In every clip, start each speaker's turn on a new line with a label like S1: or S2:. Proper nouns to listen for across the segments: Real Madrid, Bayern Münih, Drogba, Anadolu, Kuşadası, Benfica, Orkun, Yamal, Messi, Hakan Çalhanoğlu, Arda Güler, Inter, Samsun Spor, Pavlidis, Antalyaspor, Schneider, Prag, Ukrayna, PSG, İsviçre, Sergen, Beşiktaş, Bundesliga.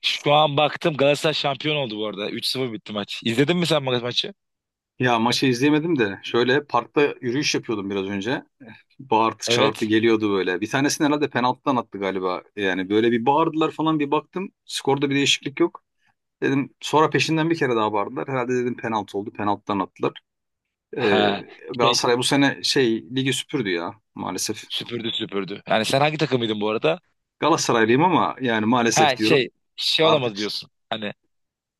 S1: Şu an baktım Galatasaray şampiyon oldu bu arada. Üç 0 bitti maç. İzledin mi sen maçı?
S2: Ya maçı izleyemedim de şöyle parkta yürüyüş yapıyordum biraz önce. Bağırtı çağırtı
S1: Evet.
S2: geliyordu böyle. Bir tanesini herhalde penaltıdan attı galiba. Yani böyle bir bağırdılar falan bir baktım. Skorda bir değişiklik yok. Dedim sonra peşinden bir kere daha bağırdılar. Herhalde dedim penaltı oldu. Penaltıdan attılar. Ee,
S1: Ha. Şey,
S2: Galatasaray bu sene şey ligi süpürdü ya maalesef.
S1: Süpürdü süpürdü. Yani sen hangi takımıydın bu arada?
S2: Galatasaraylıyım ama yani maalesef
S1: Ha
S2: diyorum.
S1: şey şey
S2: Artık.
S1: olamaz diyorsun. Hani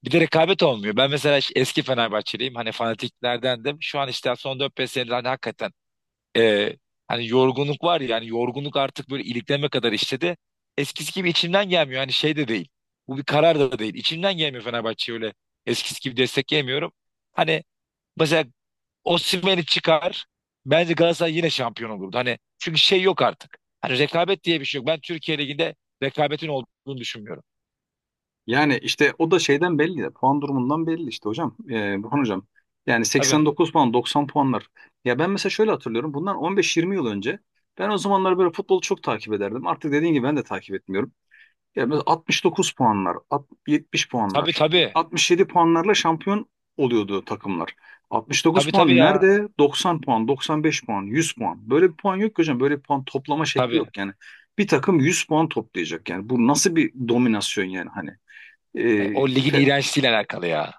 S1: bir de rekabet olmuyor. Ben mesela eski Fenerbahçeliyim. Hani fanatiklerdendim. Şu an işte son 4-5 senedir hani hakikaten, e, hani yorgunluk var ya yani yorgunluk artık böyle ilikleme kadar işledi. Eskisi gibi içimden gelmiyor. Hani şey de değil. Bu bir karar da değil. İçimden gelmiyor Fenerbahçe'ye öyle eskisi gibi destekleyemiyorum. Hani mesela Osimhen'i çıkar. Bence Galatasaray yine şampiyon olurdu. Hani çünkü şey yok artık. Hani rekabet diye bir şey yok. Ben Türkiye Ligi'nde rekabetin olduğunu düşünmüyorum.
S2: Yani işte o da şeyden belli ya, puan durumundan belli işte hocam. Burhan hocam. Yani
S1: Tabii. Evet.
S2: 89 puan, 90 puanlar. Ya ben mesela şöyle hatırlıyorum. Bundan 15-20 yıl önce ben o zamanlar böyle futbolu çok takip ederdim. Artık dediğin gibi ben de takip etmiyorum. Ya mesela 69 puanlar, 70
S1: Tabii
S2: puanlar,
S1: tabii.
S2: 67 puanlarla şampiyon oluyordu takımlar. 69
S1: Tabii tabii
S2: puan
S1: ya.
S2: nerede? 90 puan, 95 puan, 100 puan. Böyle bir puan yok ki hocam. Böyle bir puan toplama şekli
S1: Tabii.
S2: yok yani. Bir takım 100 puan toplayacak yani. Bu nasıl bir dominasyon yani hani.
S1: O ligin
S2: Fe-
S1: iğrençliğiyle alakalı ya.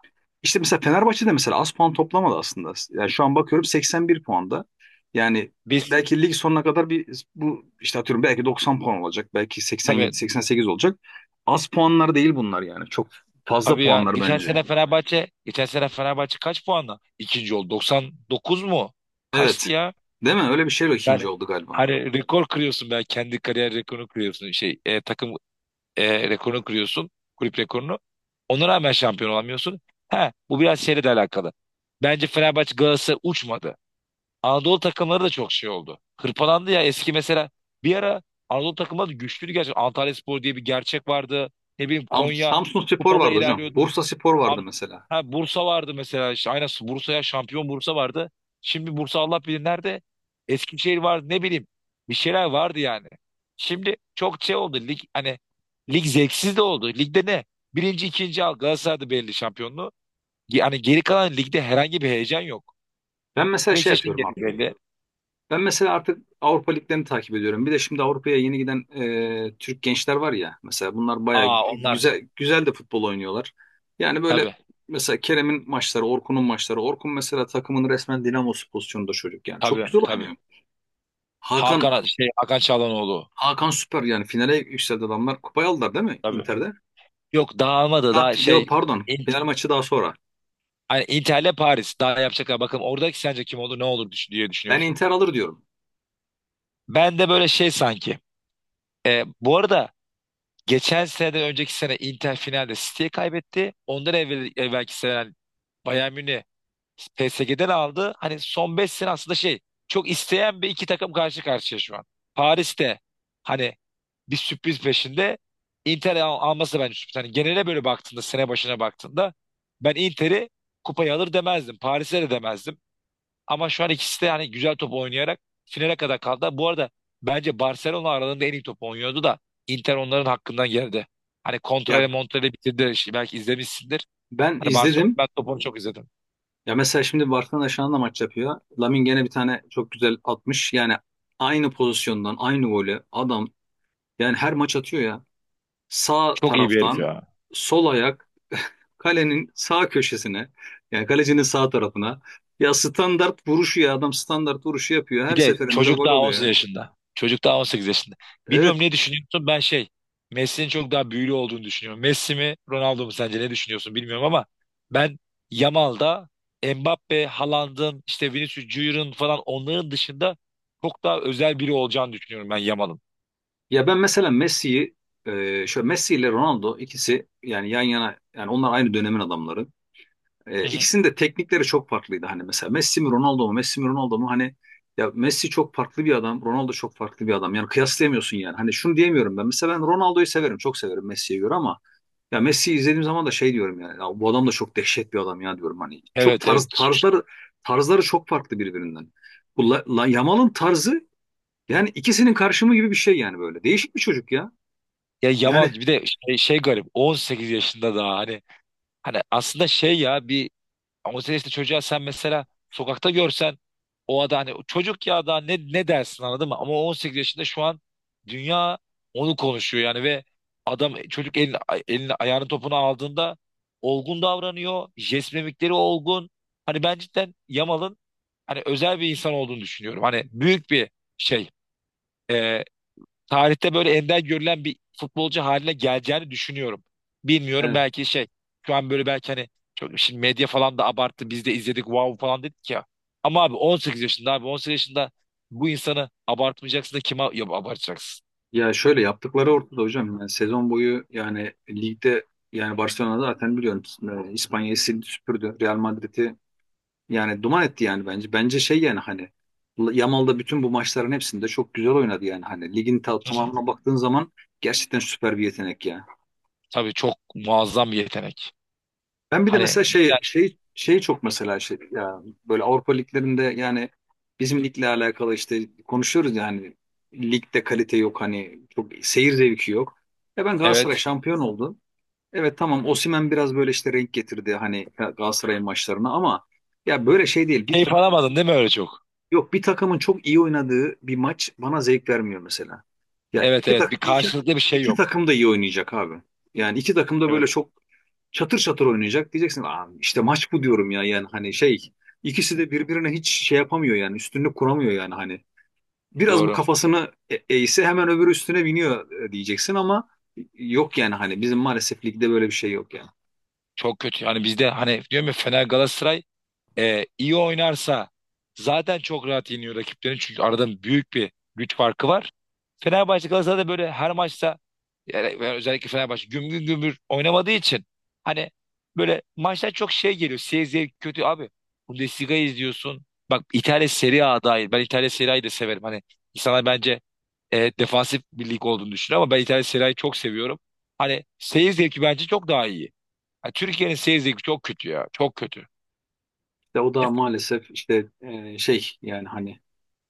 S2: işte mesela Fenerbahçe de mesela az puan toplamadı aslında. Yani şu an bakıyorum 81 puanda. Yani
S1: Biz
S2: belki lig sonuna kadar bir bu işte atıyorum belki 90 puan olacak. Belki 87
S1: tabii
S2: 88 olacak. Az puanlar değil bunlar yani. Çok fazla
S1: tabii ya.
S2: puanlar
S1: Geçen
S2: bence.
S1: sene Fenerbahçe, geçen sene Fenerbahçe kaç puanla ikinci oldu? 99 mu? Kaçtı
S2: Evet.
S1: ya?
S2: Değil mi? Öyle bir şeyle ikinci
S1: Yani
S2: oldu galiba.
S1: hani rekor kırıyorsun, ben kendi kariyer rekorunu kırıyorsun, takım rekorunu kırıyorsun. Kulüp rekorunu. Ona rağmen şampiyon olamıyorsun. Ha, bu biraz şeyle de alakalı. Bence Fenerbahçe Galatasaray uçmadı. Anadolu takımları da çok şey oldu. Hırpalandı ya eski mesela. Bir ara Anadolu takımları da güçlüydü gerçekten. Antalyaspor diye bir gerçek vardı. Ne bileyim
S2: Sam
S1: Konya
S2: Samsun Spor
S1: kupada
S2: vardı hocam.
S1: ilerliyordu.
S2: Bursa Spor vardı
S1: Abi,
S2: mesela.
S1: ha Bursa vardı mesela işte, aynen, Bursa'ya şampiyon Bursa vardı. Şimdi Bursa Allah bilir nerede. Eskişehir vardı ne bileyim. Bir şeyler vardı yani. Şimdi çok şey oldu lig, hani lig zevksiz de oldu. Ligde ne? Birinci ikinci al, Galatasaray'da belli şampiyonluğu. Hani geri kalan ligde herhangi bir heyecan yok.
S2: Ben mesela şey
S1: Beşiktaş'ın
S2: yapıyorum.
S1: geri belli.
S2: Ben mesela artık Avrupa liglerini takip ediyorum. Bir de şimdi Avrupa'ya yeni giden Türk gençler var ya. Mesela bunlar bayağı
S1: Aa onlar
S2: güzel güzel de futbol oynuyorlar. Yani böyle
S1: tabii
S2: mesela Kerem'in maçları, Orkun'un maçları. Orkun mesela takımın resmen dinamosu pozisyonunda çocuk yani. Çok
S1: tabii
S2: güzel
S1: tabii.
S2: oynuyor. Hakan.
S1: Hakan Çalhanoğlu
S2: Hakan süper yani finale yükseldi adamlar. Kupayı aldılar değil mi
S1: tabii.
S2: Inter'de?
S1: Yok, dağılmadı
S2: Daha,
S1: daha.
S2: ya pardon final maçı daha sonra.
S1: Hani Inter'le Paris daha yapacaklar. Bakın, oradaki sence kim olur ne olur diye
S2: Ben
S1: düşünüyorsun.
S2: Inter alır diyorum.
S1: Ben de böyle şey sanki. Bu arada geçen seneden önceki sene Inter finalde City'ye kaybetti. Ondan evvel, evvelki sene yani Bayern Münih PSG'den aldı. Hani son 5 sene aslında şey, çok isteyen bir iki takım karşı karşıya şu an. Paris'te hani bir sürpriz peşinde, Inter alması da bence sürpriz. Hani genele böyle baktığında, sene başına baktığında ben Inter'i kupayı alır demezdim. Paris'e de demezdim. Ama şu an ikisi de yani güzel top oynayarak finale kadar kaldı. Bu arada bence Barcelona aralarında en iyi top oynuyordu da Inter onların hakkından geldi. Hani
S2: Ya
S1: kontrayla montrayla bitirdi. Şimdi belki izlemişsindir.
S2: ben
S1: Hani Barcelona,
S2: izledim.
S1: ben topunu çok izledim.
S2: Ya mesela şimdi Barcelona şu anda maç yapıyor. Lamine gene bir tane çok güzel atmış. Yani aynı pozisyondan aynı golü adam yani her maç atıyor ya. Sağ
S1: Çok iyi bir herif
S2: taraftan
S1: ya.
S2: sol ayak kalenin sağ köşesine yani kalecinin sağ tarafına. Ya standart vuruşu ya adam standart vuruşu yapıyor.
S1: Bir
S2: Her
S1: de
S2: seferinde de
S1: çocuk
S2: gol
S1: daha on
S2: oluyor
S1: sekiz
S2: ya.
S1: yaşında. Çocuk daha 18 yaşında. Bilmiyorum,
S2: Evet.
S1: ne düşünüyorsun? Ben şey, Messi'nin çok daha büyülü olduğunu düşünüyorum. Messi mi Ronaldo mu, sence ne düşünüyorsun bilmiyorum ama ben Yamal'da, Mbappe, Haaland'ın işte Vinicius Junior'ın falan, onların dışında çok daha özel biri olacağını düşünüyorum ben Yamal'ın.
S2: Ya ben mesela Messi'yi şöyle Messi ile Ronaldo ikisi yani yan yana, yani onlar aynı dönemin adamları.
S1: Hı hı.
S2: İkisinin de teknikleri çok farklıydı. Hani mesela Messi mi Ronaldo mu? Messi mi Ronaldo mu? Hani ya Messi çok farklı bir adam. Ronaldo çok farklı bir adam. Yani kıyaslayamıyorsun yani. Hani şunu diyemiyorum ben. Mesela ben Ronaldo'yu severim. Çok severim Messi'ye göre ama ya Messi'yi izlediğim zaman da şey diyorum yani. Ya bu adam da çok dehşet bir adam ya diyorum. Hani çok
S1: Evet evet.
S2: tarzları çok farklı birbirinden. Bu Yamal'ın tarzı yani ikisinin karşımı gibi bir şey yani böyle. Değişik bir çocuk ya.
S1: Ya
S2: Yani.
S1: Yamal bir de şey, garip. On sekiz yaşında daha hani, aslında şey ya bir. Ama o işte çocuğa, sen mesela sokakta görsen o adam, hani çocuk ya da ne dersin, anladın mı? Ama 18 yaşında şu an dünya onu konuşuyor yani. Ve adam çocuk elini, ayağını topuna aldığında olgun davranıyor. Jest mimikleri olgun. Hani ben cidden Yamal'ın hani özel bir insan olduğunu düşünüyorum. Hani büyük bir şey. Ee, Tarihte böyle ender görülen bir futbolcu haline geleceğini düşünüyorum. Bilmiyorum
S2: e,
S1: belki şey, şu an böyle belki hani, çok şimdi medya falan da abarttı, biz de izledik wow falan dedik ya. Ama abi 18 yaşında, abi 18 yaşında bu insanı abartmayacaksın da kime abartacaksın?
S2: Ya şöyle yaptıkları ortada hocam. Yani sezon boyu yani ligde yani Barcelona zaten biliyorum, İspanya'yı sildi süpürdü. Real Madrid'i yani duman etti yani bence. Bence şey yani hani Yamal da bütün bu maçların hepsinde çok güzel oynadı yani hani ligin
S1: Hı hı.
S2: tamamına baktığın zaman gerçekten süper bir yetenek ya.
S1: Tabii çok muazzam bir yetenek.
S2: Ben bir de
S1: Hani
S2: mesela şey
S1: cidden,
S2: şey şeyi çok mesela şey ya böyle Avrupa liglerinde yani bizim ligle alakalı işte konuşuyoruz yani ligde kalite yok hani çok seyir zevki yok. Ya ben Galatasaray
S1: evet,
S2: şampiyon oldu. Evet, tamam, Osimhen biraz böyle işte renk getirdi hani Galatasaray'ın maçlarına ama ya böyle şey değil, bir
S1: keyif
S2: takım,
S1: alamadın değil mi öyle çok?
S2: yok, bir takımın çok iyi oynadığı bir maç bana zevk vermiyor mesela. Ya
S1: Evet evet, bir karşılıklı bir şey
S2: iki
S1: yok.
S2: takım da iyi oynayacak abi. Yani iki takım da böyle
S1: Evet,
S2: çok çatır çatır oynayacak diyeceksin. Aa, işte maç bu diyorum ya yani hani şey ikisi de birbirine hiç şey yapamıyor yani üstünlük kuramıyor yani hani. Biraz bu
S1: doğru.
S2: kafasını eğse hemen öbürü üstüne biniyor, diyeceksin ama yok yani hani bizim maalesef ligde böyle bir şey yok yani.
S1: Çok kötü. Hani bizde, hani diyorum ya, Fener Galatasaray iyi oynarsa zaten çok rahat yeniyor rakiplerini. Çünkü arada büyük bir güç farkı var. Fenerbahçe Galatasaray'da böyle her maçta, yani özellikle Fenerbahçe güm güm gümbür oynamadığı için hani böyle maçlar çok şey geliyor. Seyir zevki kötü abi. Bundesliga'yı izliyorsun. Bak, İtalya Serie A dahil. Ben İtalya Serie A'yı da severim. Hani insanlar bence defansif bir lig olduğunu düşünüyor ama ben İtalya Serie A'yı çok seviyorum. Hani seyir zevki bence çok daha iyi. Yani Türkiye'nin seyir zevki çok kötü ya. Çok kötü.
S2: De o da maalesef işte, şey yani hani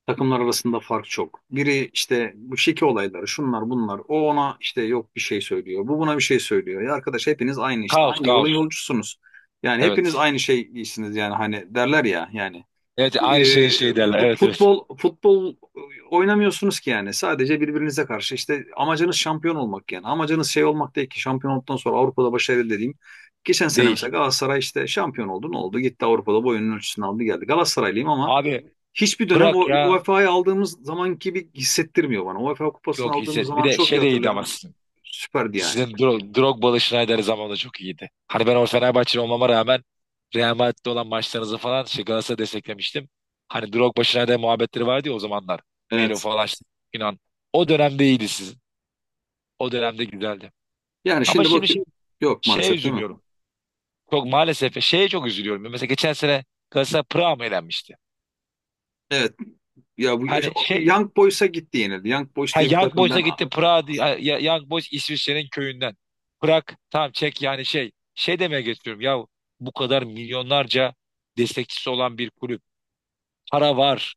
S2: takımlar arasında fark çok. Biri işte bu şike olayları şunlar bunlar. O ona işte yok bir şey söylüyor. Bu buna bir şey söylüyor. Ya arkadaş hepiniz aynı işte
S1: Kaos
S2: aynı yolun
S1: kaos.
S2: yolcusunuz. Yani hepiniz
S1: Evet.
S2: aynı şey giysiniz yani hani derler ya yani,
S1: Evet aynı şeyin
S2: e,
S1: şeyi derler. Evet evet.
S2: futbol futbol oynamıyorsunuz ki yani. Sadece birbirinize karşı işte amacınız şampiyon olmak yani. Amacınız şey olmak değil ki şampiyon olduktan sonra Avrupa'da başarılı dediğim. Geçen sene mesela
S1: Değil.
S2: Galatasaray işte şampiyon oldu, ne oldu? Gitti Avrupa'da boyunun ölçüsünü aldı geldi. Galatasaraylıyım ama
S1: Abi
S2: hiçbir dönem
S1: bırak
S2: o
S1: ya.
S2: UEFA'yı aldığımız zaman gibi hissettirmiyor bana. UEFA kupasını
S1: Çok
S2: aldığımız
S1: hisset. Bir
S2: zaman
S1: de
S2: çok iyi
S1: şey de iyiydi
S2: hatırlıyorum
S1: ama
S2: ben.
S1: sizin.
S2: Süperdi yani.
S1: Sizin Drogba'lı Schneider zamanında çok iyiydi. Hani ben o Fenerbahçeli olmama rağmen Real Madrid'de olan maçlarınızı falan şey Galatasaray'ı desteklemiştim. Hani Drogba Schneider muhabbetleri vardı ya o zamanlar. Melo
S2: Evet.
S1: falan işte, inan. O dönemde iyiydi sizin. O dönemde güzeldi.
S2: Yani
S1: Ama
S2: şimdi bak,
S1: şimdi
S2: yok
S1: şeye
S2: maalesef değil mi?
S1: üzülüyorum. Çok maalesef şeye çok üzülüyorum. Mesela geçen sene Galatasaray Prag'a mı elenmişti?
S2: Evet. Ya bu
S1: Hani şey.
S2: Young Boys'a gitti yenildi. Young Boys
S1: Ha,
S2: diye bir
S1: Young
S2: takım
S1: Boys'a
S2: ben.
S1: gitti Prag, Young Boys İsviçre'nin köyünden. Prag tamam, çek yani, şey. Şey demeye getiriyorum ya, bu kadar milyonlarca destekçisi olan bir kulüp. Para var,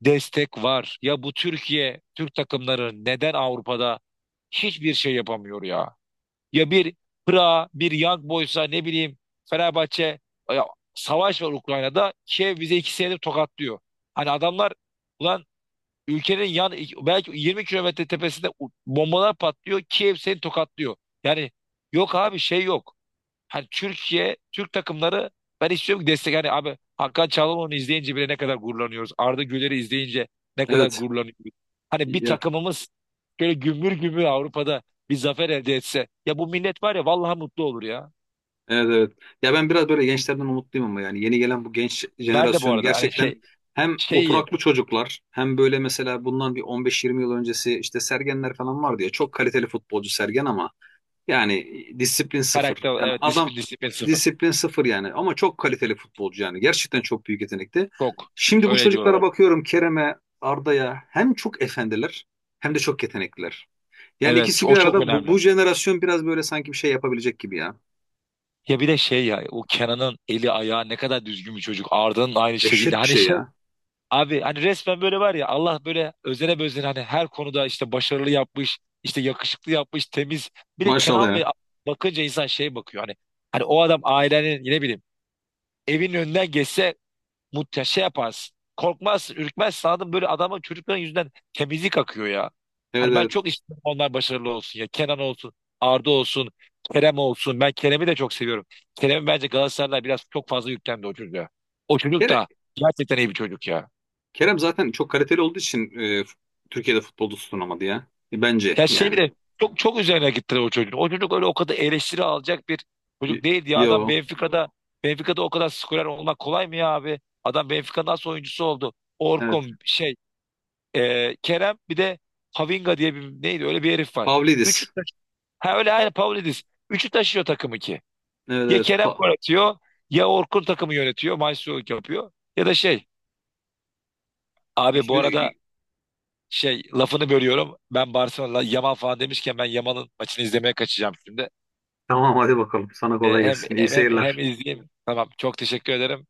S1: destek var. Ya bu Türkiye, Türk takımları neden Avrupa'da hiçbir şey yapamıyor ya? Ya bir Prag, bir Young Boys'a, ne bileyim Fenerbahçe, ya, savaş var Ukrayna'da. Kiev bize 2 senedir tokatlıyor. Hani adamlar, ulan ülkenin yan belki 20 kilometre tepesinde bombalar patlıyor. Kiev seni tokatlıyor. Yani yok abi, şey yok. Hani Türkiye, Türk takımları, ben istiyorum ki destek. Hani abi, Hakan Çalhanoğlu'nu izleyince bile ne kadar gururlanıyoruz. Arda Güler'i izleyince ne kadar
S2: Evet.
S1: gururlanıyoruz. Hani bir
S2: Ya
S1: takımımız böyle gümbür gümbür Avrupa'da bir zafer elde etse. Ya bu millet var ya, vallahi mutlu olur ya.
S2: evet evet. Ya ben biraz böyle gençlerden umutluyum ama yani yeni gelen bu genç
S1: Ben de bu
S2: jenerasyon
S1: arada hani
S2: gerçekten
S1: şey
S2: hem
S1: şeyi
S2: oturaklı çocuklar hem böyle mesela bundan bir 15-20 yıl öncesi işte Sergenler falan vardı ya çok kaliteli futbolcu Sergen ama yani, disiplin sıfır.
S1: karakter,
S2: Yani
S1: evet, disiplin
S2: adam
S1: disiplin sıfır.
S2: disiplin sıfır yani ama çok kaliteli futbolcu yani gerçekten çok büyük yetenekti.
S1: Çok
S2: Şimdi bu
S1: öyle diyorlar
S2: çocuklara
S1: hep.
S2: bakıyorum Kerem'e, Arda'ya hem çok efendiler hem de çok yetenekliler. Yani
S1: Evet,
S2: ikisi bir
S1: o çok
S2: arada bu,
S1: önemli.
S2: bu jenerasyon biraz böyle sanki bir şey yapabilecek gibi ya.
S1: Ya bir de şey ya, o Kenan'ın eli ayağı ne kadar düzgün bir çocuk. Arda'nın aynı şekilde.
S2: Dehşet bir
S1: Hani
S2: şey
S1: şey
S2: ya.
S1: abi, hani resmen böyle var ya, Allah böyle özene bezene hani her konuda işte başarılı yapmış, işte yakışıklı yapmış, temiz. Bir de
S2: Maşallah
S1: Kenan
S2: ya.
S1: ve bakınca insan şey bakıyor, hani o adam ailenin, ne bileyim, evin önünden geçse Muhte şey yaparsın. Korkmazsın, ürkmezsin. Anladın mı? Böyle adamın, çocukların yüzünden temizlik akıyor ya.
S2: Evet
S1: Hani ben
S2: evet.
S1: çok istiyorum onlar başarılı olsun ya. Kenan olsun, Arda olsun, Kerem olsun. Ben Kerem'i de çok seviyorum. Kerem'i bence Galatasaraylar biraz çok fazla yüklendi o çocuğa. O çocuk
S2: Kerem.
S1: da gerçekten iyi bir çocuk ya.
S2: Kerem zaten çok kaliteli olduğu için Türkiye'de futbolda tutunamadı ya. Bence
S1: Ya şey
S2: yani.
S1: bile, çok çok üzerine gittiler o çocuğun. O çocuk öyle o kadar eleştiri alacak bir çocuk
S2: Y-
S1: değildi ya. Adam
S2: Yo.
S1: Benfica'da, o kadar skorer olmak kolay mı ya abi? Adam Benfica'nın nasıl oyuncusu oldu?
S2: Evet.
S1: Orkun şey, Kerem bir de Havinga diye bir, neydi öyle bir herif var. Üçü
S2: Pavlidis.
S1: taş- ha, öyle, aynı, Pavlidis. Üçü taşıyor takımı ki.
S2: Evet
S1: Ya
S2: evet.
S1: Kerem gol atıyor, ya Orkun takımı yönetiyor. Maestro yapıyor. Ya da şey abi, bu arada şey, lafını bölüyorum. Ben Barcelona Yaman falan demişken ben Yaman'ın maçını izlemeye kaçacağım şimdi.
S2: Tamam hadi bakalım. Sana kolay
S1: Hem,
S2: gelsin. İyi
S1: hem, hem, hem
S2: seyirler.
S1: izleyeyim. Tamam, çok teşekkür ederim.